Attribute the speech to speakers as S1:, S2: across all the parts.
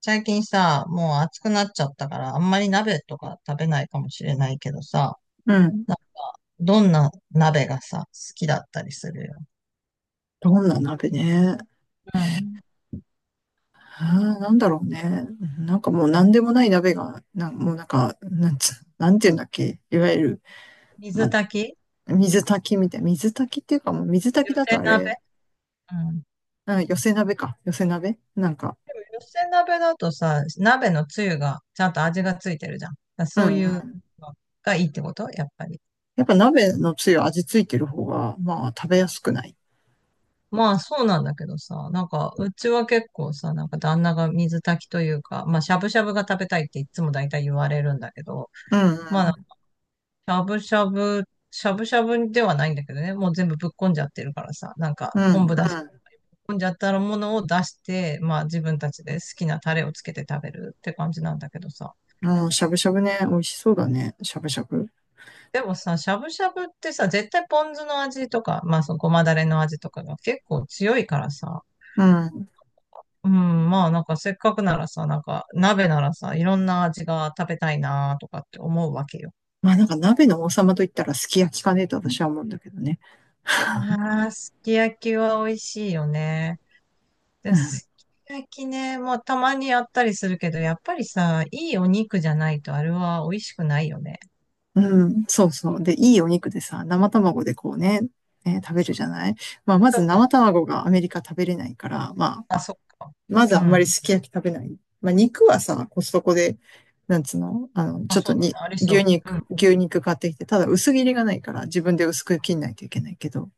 S1: 最近さ、もう暑くなっちゃったから、あんまり鍋とか食べないかもしれないけどさ、
S2: うん。
S1: なんか、どんな鍋がさ、好きだったりするよ。
S2: どんな鍋ね。
S1: うん。
S2: あーなんだろうね。なんかもう何でもない鍋が、な、もうなんか、なんつ、なんていうんだっけ。いわゆる、
S1: 水
S2: ま
S1: 炊き
S2: あ、水炊きみたい。水炊きっていうかもう水
S1: 寄
S2: 炊きだ
S1: せ
S2: とあ
S1: 鍋
S2: れ、
S1: うん。
S2: うん、寄せ鍋か。寄せ鍋なんか、
S1: でも、寄せ鍋だとさ、鍋のつゆが、ちゃんと味がついてるじゃん。だから
S2: う
S1: そう
S2: ん
S1: い
S2: う
S1: う
S2: ん。
S1: のがいいってことやっぱり。
S2: やっぱ鍋のつゆ味ついてる方が、まあ食べやすくない？
S1: まあ、そうなんだけどさ、なんか、うちは結構さ、なんか旦那が水炊きというか、まあ、しゃぶしゃぶが食べたいっていつも大体言われるんだけど、
S2: うんう
S1: まあ
S2: ん。
S1: しゃぶしゃぶ、しゃぶしゃぶではないんだけどね、もう全部ぶっこんじゃってるからさ、なんか
S2: う
S1: 昆
S2: ん
S1: 布出し、ぶっこんじゃったものを出して、まあ自分たちで好きなタレをつけて食べるって感じなんだけどさ。
S2: うん。うん、しゃぶしゃぶね。美味しそうだね。しゃぶしゃぶ。
S1: でもさ、しゃぶしゃぶってさ、絶対ポン酢の味とか、まあそのごまだれの味とかが結構強いからさ、
S2: うん。
S1: うん、まあなんかせっかくならさ、なんか鍋ならさ、いろんな味が食べたいなとかって思うわけよ。
S2: まあなんか鍋の王様と言ったらすき焼きかねえと私は思うんだけどね。
S1: ああ、すき焼きは美味しいよね。で、すき焼きね、まあたまにやったりするけど、やっぱりさ、いいお肉じゃないとあれは美味しくないよね。
S2: うん、そうそう。で、いいお肉でさ、生卵でこうね、えー食べ
S1: そ
S2: る
S1: う、
S2: じゃない。まあ、ま
S1: ちょ
S2: ず
S1: っと、
S2: 生卵がアメリカ食べれないから、まあ、
S1: あ、そっか。
S2: まず
S1: う
S2: あんまり
S1: ん。
S2: すき焼き食べない。まあ、肉はさ、コストコで、なんつうの、あの、ち
S1: あ、
S2: ょっと
S1: そうだ
S2: に、
S1: ね。あり
S2: 牛
S1: そう。う
S2: 肉、
S1: ん。
S2: 牛肉買ってきて、ただ薄切りがないから自分で薄く切んないといけないけど、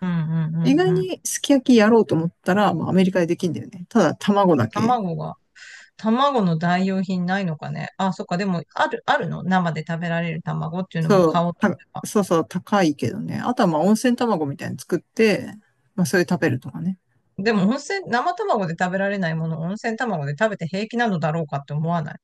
S1: うんうんう
S2: 意
S1: ん
S2: 外
S1: うん。
S2: にすき焼きやろうと思ったら、まあ、アメリカでできんだよね。ただ卵だけ。
S1: 卵が、卵の代用品ないのかね。あ、そっか。でも、あるの生で食べられる卵っていうのも
S2: そう、
S1: 買おうと
S2: た、
S1: 思えば。
S2: そうそう、高いけどね。あとはまあ温泉卵みたいに作って、まあ、それ食べるとかね。
S1: でも、温泉、生卵で食べられないものを温泉卵で食べて平気なのだろうかって思わない。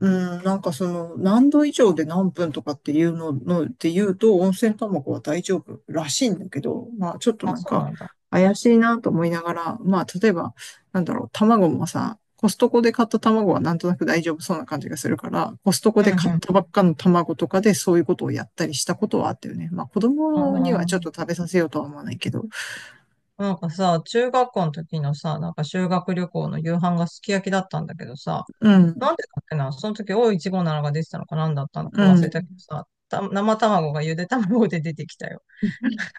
S2: うん、なんかその何度以上で何分とかっていうののって言うと温泉卵は大丈夫らしいんだけど、まあちょっと
S1: あ、
S2: なん
S1: そう
S2: か
S1: なんだ。
S2: 怪しいなと思いながら、まあ例えばなんだろう、卵もさ、コストコで買った卵はなんとなく大丈夫そうな感じがするから、コストコ
S1: うん
S2: で
S1: う
S2: 買った
S1: ん。
S2: ばっかの卵とかでそういうことをやったりしたことはあったよね。まあ子
S1: あ
S2: 供には
S1: ー
S2: ちょっと食べさせようとは思わないけど。
S1: なんかさ、中学校の時のさ、なんか修学旅行の夕飯がすき焼きだったんだけどさ、
S2: うん、
S1: なんでだっけな、その時オーいちごなのが出てたのか何だったのか
S2: う
S1: 忘れたけ
S2: ん、
S1: どさ、生卵がゆで卵で出てきたよ。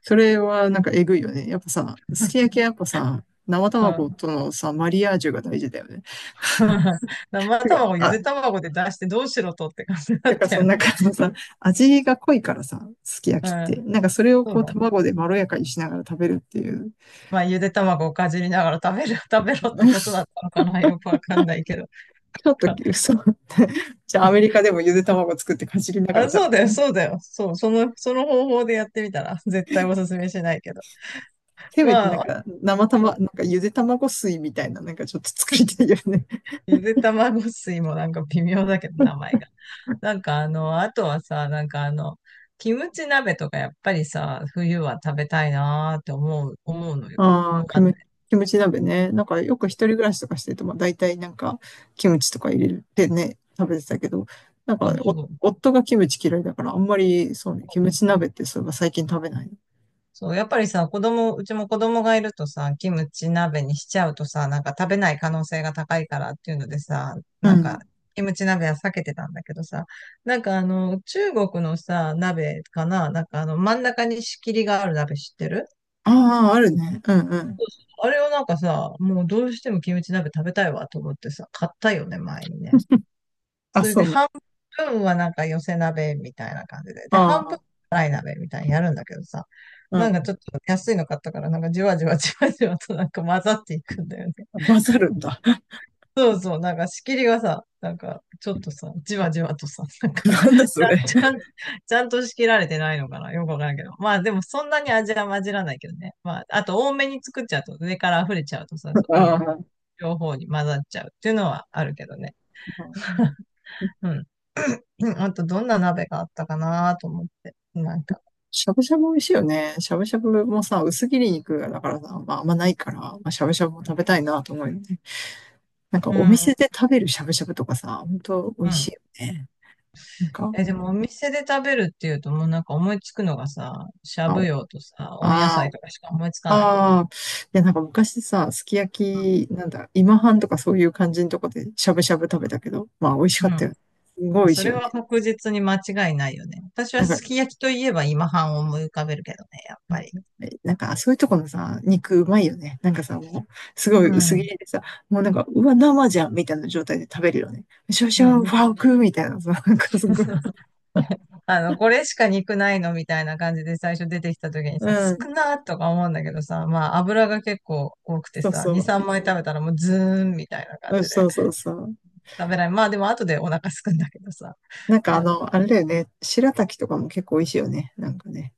S2: それはなんかえぐいよね。やっぱさ、すき焼きはやっぱさ、生
S1: うん。
S2: 卵とのさ、マリアージュが大事だよね。
S1: 生
S2: てか、
S1: 卵ゆ
S2: あ、
S1: で卵で出してどうしろとって感じだ
S2: て
S1: っ
S2: か
S1: た
S2: そ
S1: よ
S2: の
S1: ね。
S2: 中のさ、味が濃いからさ、すき
S1: う
S2: 焼きって。
S1: ん。
S2: なんかそれを
S1: そう
S2: こう
S1: だね。
S2: 卵でまろやかにしながら食べるっていう。
S1: まあ、ゆで卵をかじりながら食べる、食べろってことだ ったのかなよくわかんないけど。
S2: ちょっと、そう。じゃあアメリカでもゆで卵作ってかじりながら
S1: あ、
S2: 食
S1: そ
S2: べ
S1: う
S2: る。
S1: だよ、そうだよ。そう、その、その方法でやってみたら、絶対おすすめしないけど。
S2: せめてな
S1: ま
S2: ん
S1: あ、
S2: か生卵、なんかゆで卵水みたいななんかちょっと作りたいよね。
S1: ゆで卵水もなんか微妙だけど、名前が。なんかあの、あとはさ、なんかあの、キムチ鍋とかやっぱりさ、冬は食べたいなーって思うのよ。
S2: あ
S1: 思
S2: あ、キ
S1: わない
S2: ム、キムチ鍋ね。なんかよく一人暮らしとかしてると、まあ大体なんかキムチとか入れてね、食べてたけど、なん
S1: そ
S2: か
S1: う
S2: お
S1: そう。
S2: 夫がキムチ嫌いだからあんまりそうね、キムチ鍋ってそういえば最近食べない。
S1: そう、やっぱりさ、子供、うちも子供がいるとさ、キムチ鍋にしちゃうとさ、なんか食べない可能性が高いからっていうのでさ、
S2: う
S1: なんか、
S2: ん。
S1: キムチ鍋は避けてたんだけどさ、なんかあの、中国のさ、鍋かな、なんかあの、真ん中に仕切りがある鍋知ってる
S2: ああ、あるね。うんうん。
S1: あれをなんかさ、もうどうしてもキムチ鍋食べたいわと思ってさ、買ったよね、前にね。
S2: あ、
S1: それ
S2: そ
S1: で
S2: うな。
S1: 半分はなんか寄せ鍋みたいな感じで。で、半分は
S2: ああ、
S1: 辛い鍋みたいにやるんだけどさ、
S2: う
S1: なんかちょ
S2: ん。
S1: っと安いの買ったから、なんかじわじわじわじわとなんか混ざっていくんだよね。
S2: 混ざるんだ。
S1: そうそう、なんか仕切りがさ、なんかちょっとさ、じわじわとさ、なん か
S2: なんだそれ。
S1: ちゃん、ちゃんと仕切られてないのかなよくわからんけど。まあでもそんなに味は混じらないけどね。まあ、あと多めに作っちゃうと、上から溢れちゃうとさ、そあ
S2: あ
S1: の、
S2: あ、
S1: 両方に混ざっちゃうっていうのはあるけどね。うん。うんあとどんな鍋があったかなと思って。なんか。
S2: しゃぶしゃぶ美味しいよね。しゃぶしゃぶもさ、薄切り肉だからさ、まああんまないから、まあ、しゃぶしゃぶも食べたいなと思うよね。なんか
S1: う
S2: お
S1: ん。
S2: 店で食べるしゃぶしゃぶとかさ、本当美
S1: う
S2: 味しい
S1: ん。
S2: よね。なんか、
S1: え、でもお店で食べるっていうともうなんか思いつくのがさ、しゃ
S2: あ
S1: ぶ
S2: お、
S1: 葉とさ、温野
S2: あ
S1: 菜
S2: ー
S1: とかしか思いつかないよ。
S2: あー、いやなんか昔さ、すき焼き、なんだ、今半とかそういう感じのとこでしゃぶしゃぶ食べたけど、まあ美味しかったよね。
S1: う
S2: すごい美
S1: ん。
S2: 味し
S1: そ
S2: い
S1: れ
S2: よ
S1: は
S2: ね。
S1: 確実に間違いないよね。私
S2: な
S1: は
S2: んか、
S1: すき焼きといえば今半を思い浮かべるけどね、やっぱり。
S2: なんかそういうとこのさ、肉うまいよね。なんかさ、もう、すご
S1: う
S2: い薄切
S1: ん。
S2: りでさ、もうなんか、うわ、生じゃんみたいな状態で食べるよね。シャシ
S1: う
S2: ャ、フ
S1: ん。
S2: ァークみたいなさ、なんかすごい。
S1: あの、これしか肉ないのみたいな感じで最初出てきた時にさ、
S2: うん。
S1: 少なーとか思うんだけどさ、まあ油が結構多くて
S2: そう
S1: さ、
S2: そ
S1: 2、3
S2: う。
S1: 枚食べたらもうズーンみたいな感
S2: うん
S1: じで
S2: そうそうそう。
S1: 食べない。まあでも後でお腹すくんだけどさ、
S2: なんかあ
S1: なんか
S2: の、あれだよね。白滝とかも結構美味しいよね。なんかね。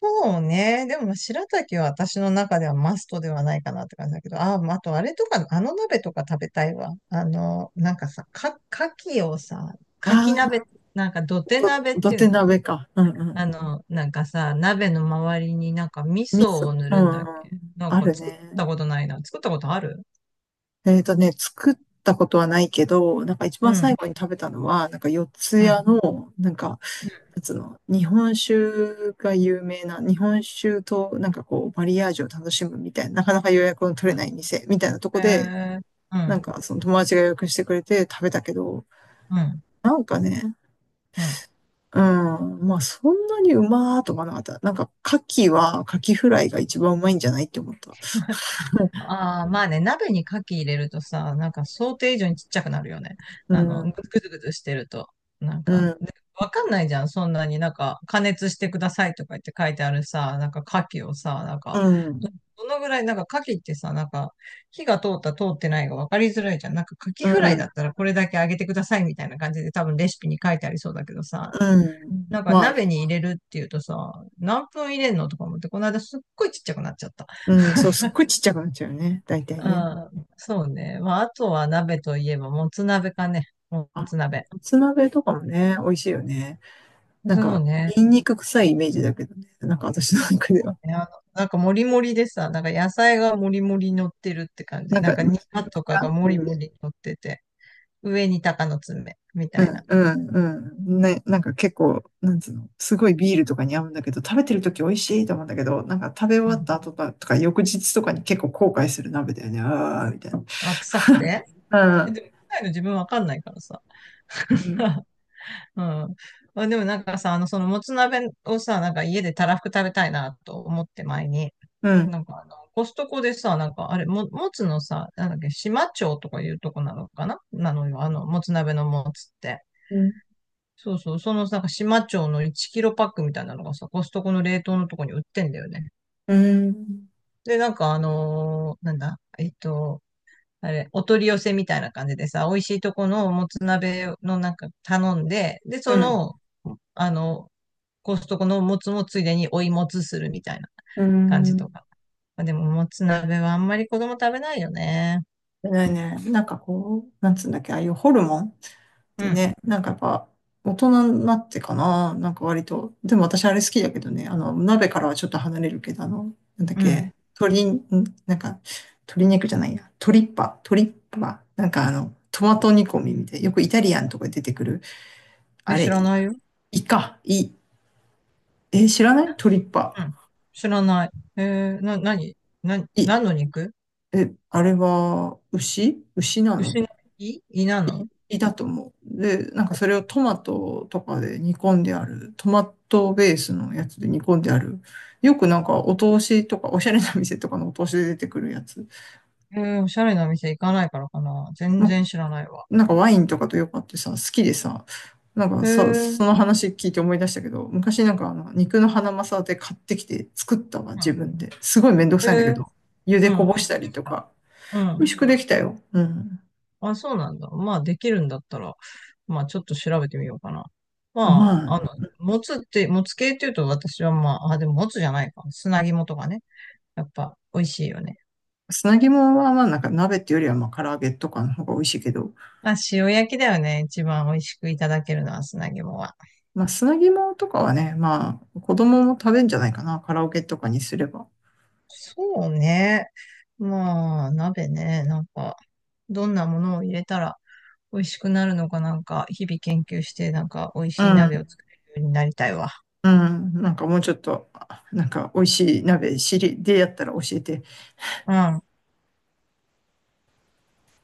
S1: そうね。でも、まあ白滝は私の中ではマストではないかなって感じだけど、あ、まああとあれとか、あの鍋とか食べたいわ。あの、なんかさ、か、牡蠣をさ、
S2: あ
S1: 牡蠣
S2: あ、
S1: 鍋、なんか土手鍋っ
S2: 土
S1: ていう
S2: 手
S1: の
S2: 鍋か。うんうん。
S1: あの、なんかさ、鍋の周りになんか味
S2: 味
S1: 噌
S2: 噌。
S1: を塗
S2: うん
S1: る
S2: う
S1: んだっ
S2: ん。
S1: けなん
S2: あ
S1: か
S2: る
S1: 作った
S2: ね。
S1: ことないな。作ったことある
S2: えっとね、作ったことはないけど、なんか一
S1: う
S2: 番最
S1: ん、
S2: 後に食べたのは、なんか四ツ
S1: うん、う
S2: 谷の、なんか、なんつうの、日本酒が有名な、日本酒となんかこう、マリアージュを楽しむみたいな、なかなか予約の取れない
S1: ん。
S2: 店みたいなとこ
S1: へ
S2: で、
S1: え、う
S2: なん
S1: ん、
S2: かその友達が予約してくれて食べたけど、
S1: うん、
S2: なんかね、
S1: うん。
S2: うん。まあ、そんなにうまーとかなかった。なんか、牡蠣フライが一番うまいんじゃないって思った。
S1: ああ、まあね、鍋に牡蠣入れるとさ、なんか想定以上にちっちゃくなるよね。
S2: う
S1: あの、ぐ
S2: ん、
S1: ズぐズぐつしてると。なん
S2: う
S1: か、
S2: ん、
S1: でわかんないじゃん。そんなになんか、加熱してくださいとか言って書いてあるさ、なんか牡蠣をさ、なん
S2: う
S1: か、ど
S2: ん、
S1: どのぐらい、なんか牡蠣ってさ、なんか、火が通った通ってないが分かりづらいじゃん。なんか牡蠣
S2: う
S1: フライ
S2: ん、
S1: だったらこれだけ揚げてくださいみたいな感じで多分レシピに書いてありそうだけどさ、
S2: うん。
S1: なんか
S2: まあ
S1: 鍋
S2: ね。
S1: に入れるっていうとさ、何分入れんのとか思って、この間すっごいちっちゃくなっちゃった。
S2: うん、そう、すっごいちっちゃくなっちゃうよね。大体ね。
S1: ああ、そうね。まあ、あとは鍋といえば、もつ鍋かね。も
S2: あ、
S1: つ鍋。
S2: もつ鍋とかもね、美味しいよね。なん
S1: そう
S2: か、
S1: ね。
S2: ニンニク臭いイメージだけどね。なんか私の中では。
S1: いや、なんかもりもりでさ、なんか野菜がもりもり乗ってるって感じ。
S2: なん
S1: なん
S2: か、
S1: か
S2: 肉
S1: ニラとかが
S2: が、
S1: もりもり乗ってて、上に鷹の爪み
S2: う
S1: たいな。
S2: んうんうん。ね、なんか結構、なんつうの、すごいビールとかに合うんだけど、食べてる時美味しいと思うんだけど、なんか食べ終
S1: う
S2: わっ
S1: ん。
S2: た後とか翌日とかに結構後悔する鍋だよね。ああ、みたいな。
S1: あ、臭くてえ
S2: う
S1: でも臭いの自分わかんないからさ。
S2: ん。
S1: うん。まあ、でもなんかさ、あの、そのもつ鍋をさ、なんか家でたらふく食べたいなと思って前に、
S2: うん。
S1: なんかあの、コストコでさ、なんかあれ、もつのさ、なんだっけ、島町とかいうとこなのかななのよ、あの、もつ鍋のもつって。
S2: うん。うん。
S1: そうそう、そのなんか島町の1キロパックみたいなのがさ、コストコの冷凍のとこに売ってんだよね。
S2: うん。
S1: で、なんかあのーなんだ、あれ、お取り寄せみたいな感じでさ、美味しいとこのもつ鍋のなんか頼んで、で、そ
S2: うん。
S1: の、あの、コストコのもつもついでに追いもつするみたいな
S2: う
S1: 感じと
S2: ん
S1: か。まあ、でも、もつ鍋はあんまり子供食べないよね。
S2: ないね。なんかこう、なんつうんだっけ、ああいうホルモン
S1: う
S2: で
S1: ん、
S2: ね、なんかやっぱ、大人になってかな、なんか割と。でも私あれ好きだけどね、あの、鍋からはちょっと離れるけど、あの、なんだっ
S1: うん。
S2: け、鶏、んなんか、鶏肉じゃないや、トリッパ、なんかあの、トマト煮込みみたいな、よくイタリアンとかで出てくる、あ
S1: ね、知
S2: れ、
S1: らないよ。
S2: イカ、イ、え、知らないトリッ
S1: う
S2: パ？
S1: ん。知らない。えー、な、なに、な、
S2: イ、
S1: 何の肉
S2: え、あれは、牛なの？
S1: 牛の胃なの
S2: いたと思う。で、なんかそれをトマトとかで煮込んである、トマトベースのやつで煮込んである、よくなんかお通しとか、おしゃれな店とかのお通しで出てくるやつ、
S1: えー、おしゃれな店行かないからかな。全
S2: ま、
S1: 然知らないわ。
S2: なんかワインとかとよくあってさ、好きでさ、なんか
S1: え
S2: さ、そ
S1: ー、
S2: の話聞いて思い出したけど、昔なんかあの肉のハナマサで買ってきて作ったわ、
S1: う
S2: 自
S1: ん。
S2: 分で。すごいめんどく
S1: え
S2: さいんだけ
S1: ー、
S2: ど、茹で
S1: う
S2: こ
S1: ん、美
S2: ぼ
S1: 味
S2: し
S1: し
S2: た
S1: くで
S2: り
S1: き
S2: と
S1: た。
S2: か、
S1: う
S2: 美
S1: ん。
S2: 味しくできたよ。うん。
S1: あ、そうなんだ。まあ、できるんだったら、まあ、ちょっと調べてみようかな。
S2: ま
S1: ま
S2: あ、
S1: あ、あの、もつって、もつ系っていうと私はまあ、あ、でももつじゃないか。砂肝とかね。やっぱ、美味しいよね。
S2: 砂肝はまあなんか鍋っていうよりはまあ唐揚げとかの方が美味しいけど、
S1: まあ、塩焼きだよね。一番美味しくいただけるのは砂肝は。
S2: まあ、砂肝とかはね、まあ、子供も食べんじゃないかな、カラオケとかにすれば。
S1: そうね。まあ、鍋ね。なんか、どんなものを入れたら美味しくなるのかなんか、日々研究して、なんか、美味
S2: う
S1: しい鍋を
S2: ん、
S1: 作れるようになりたいわ。
S2: うん、なんかもうちょっと、あなんか美味しい鍋知りでやったら教えて。
S1: うん。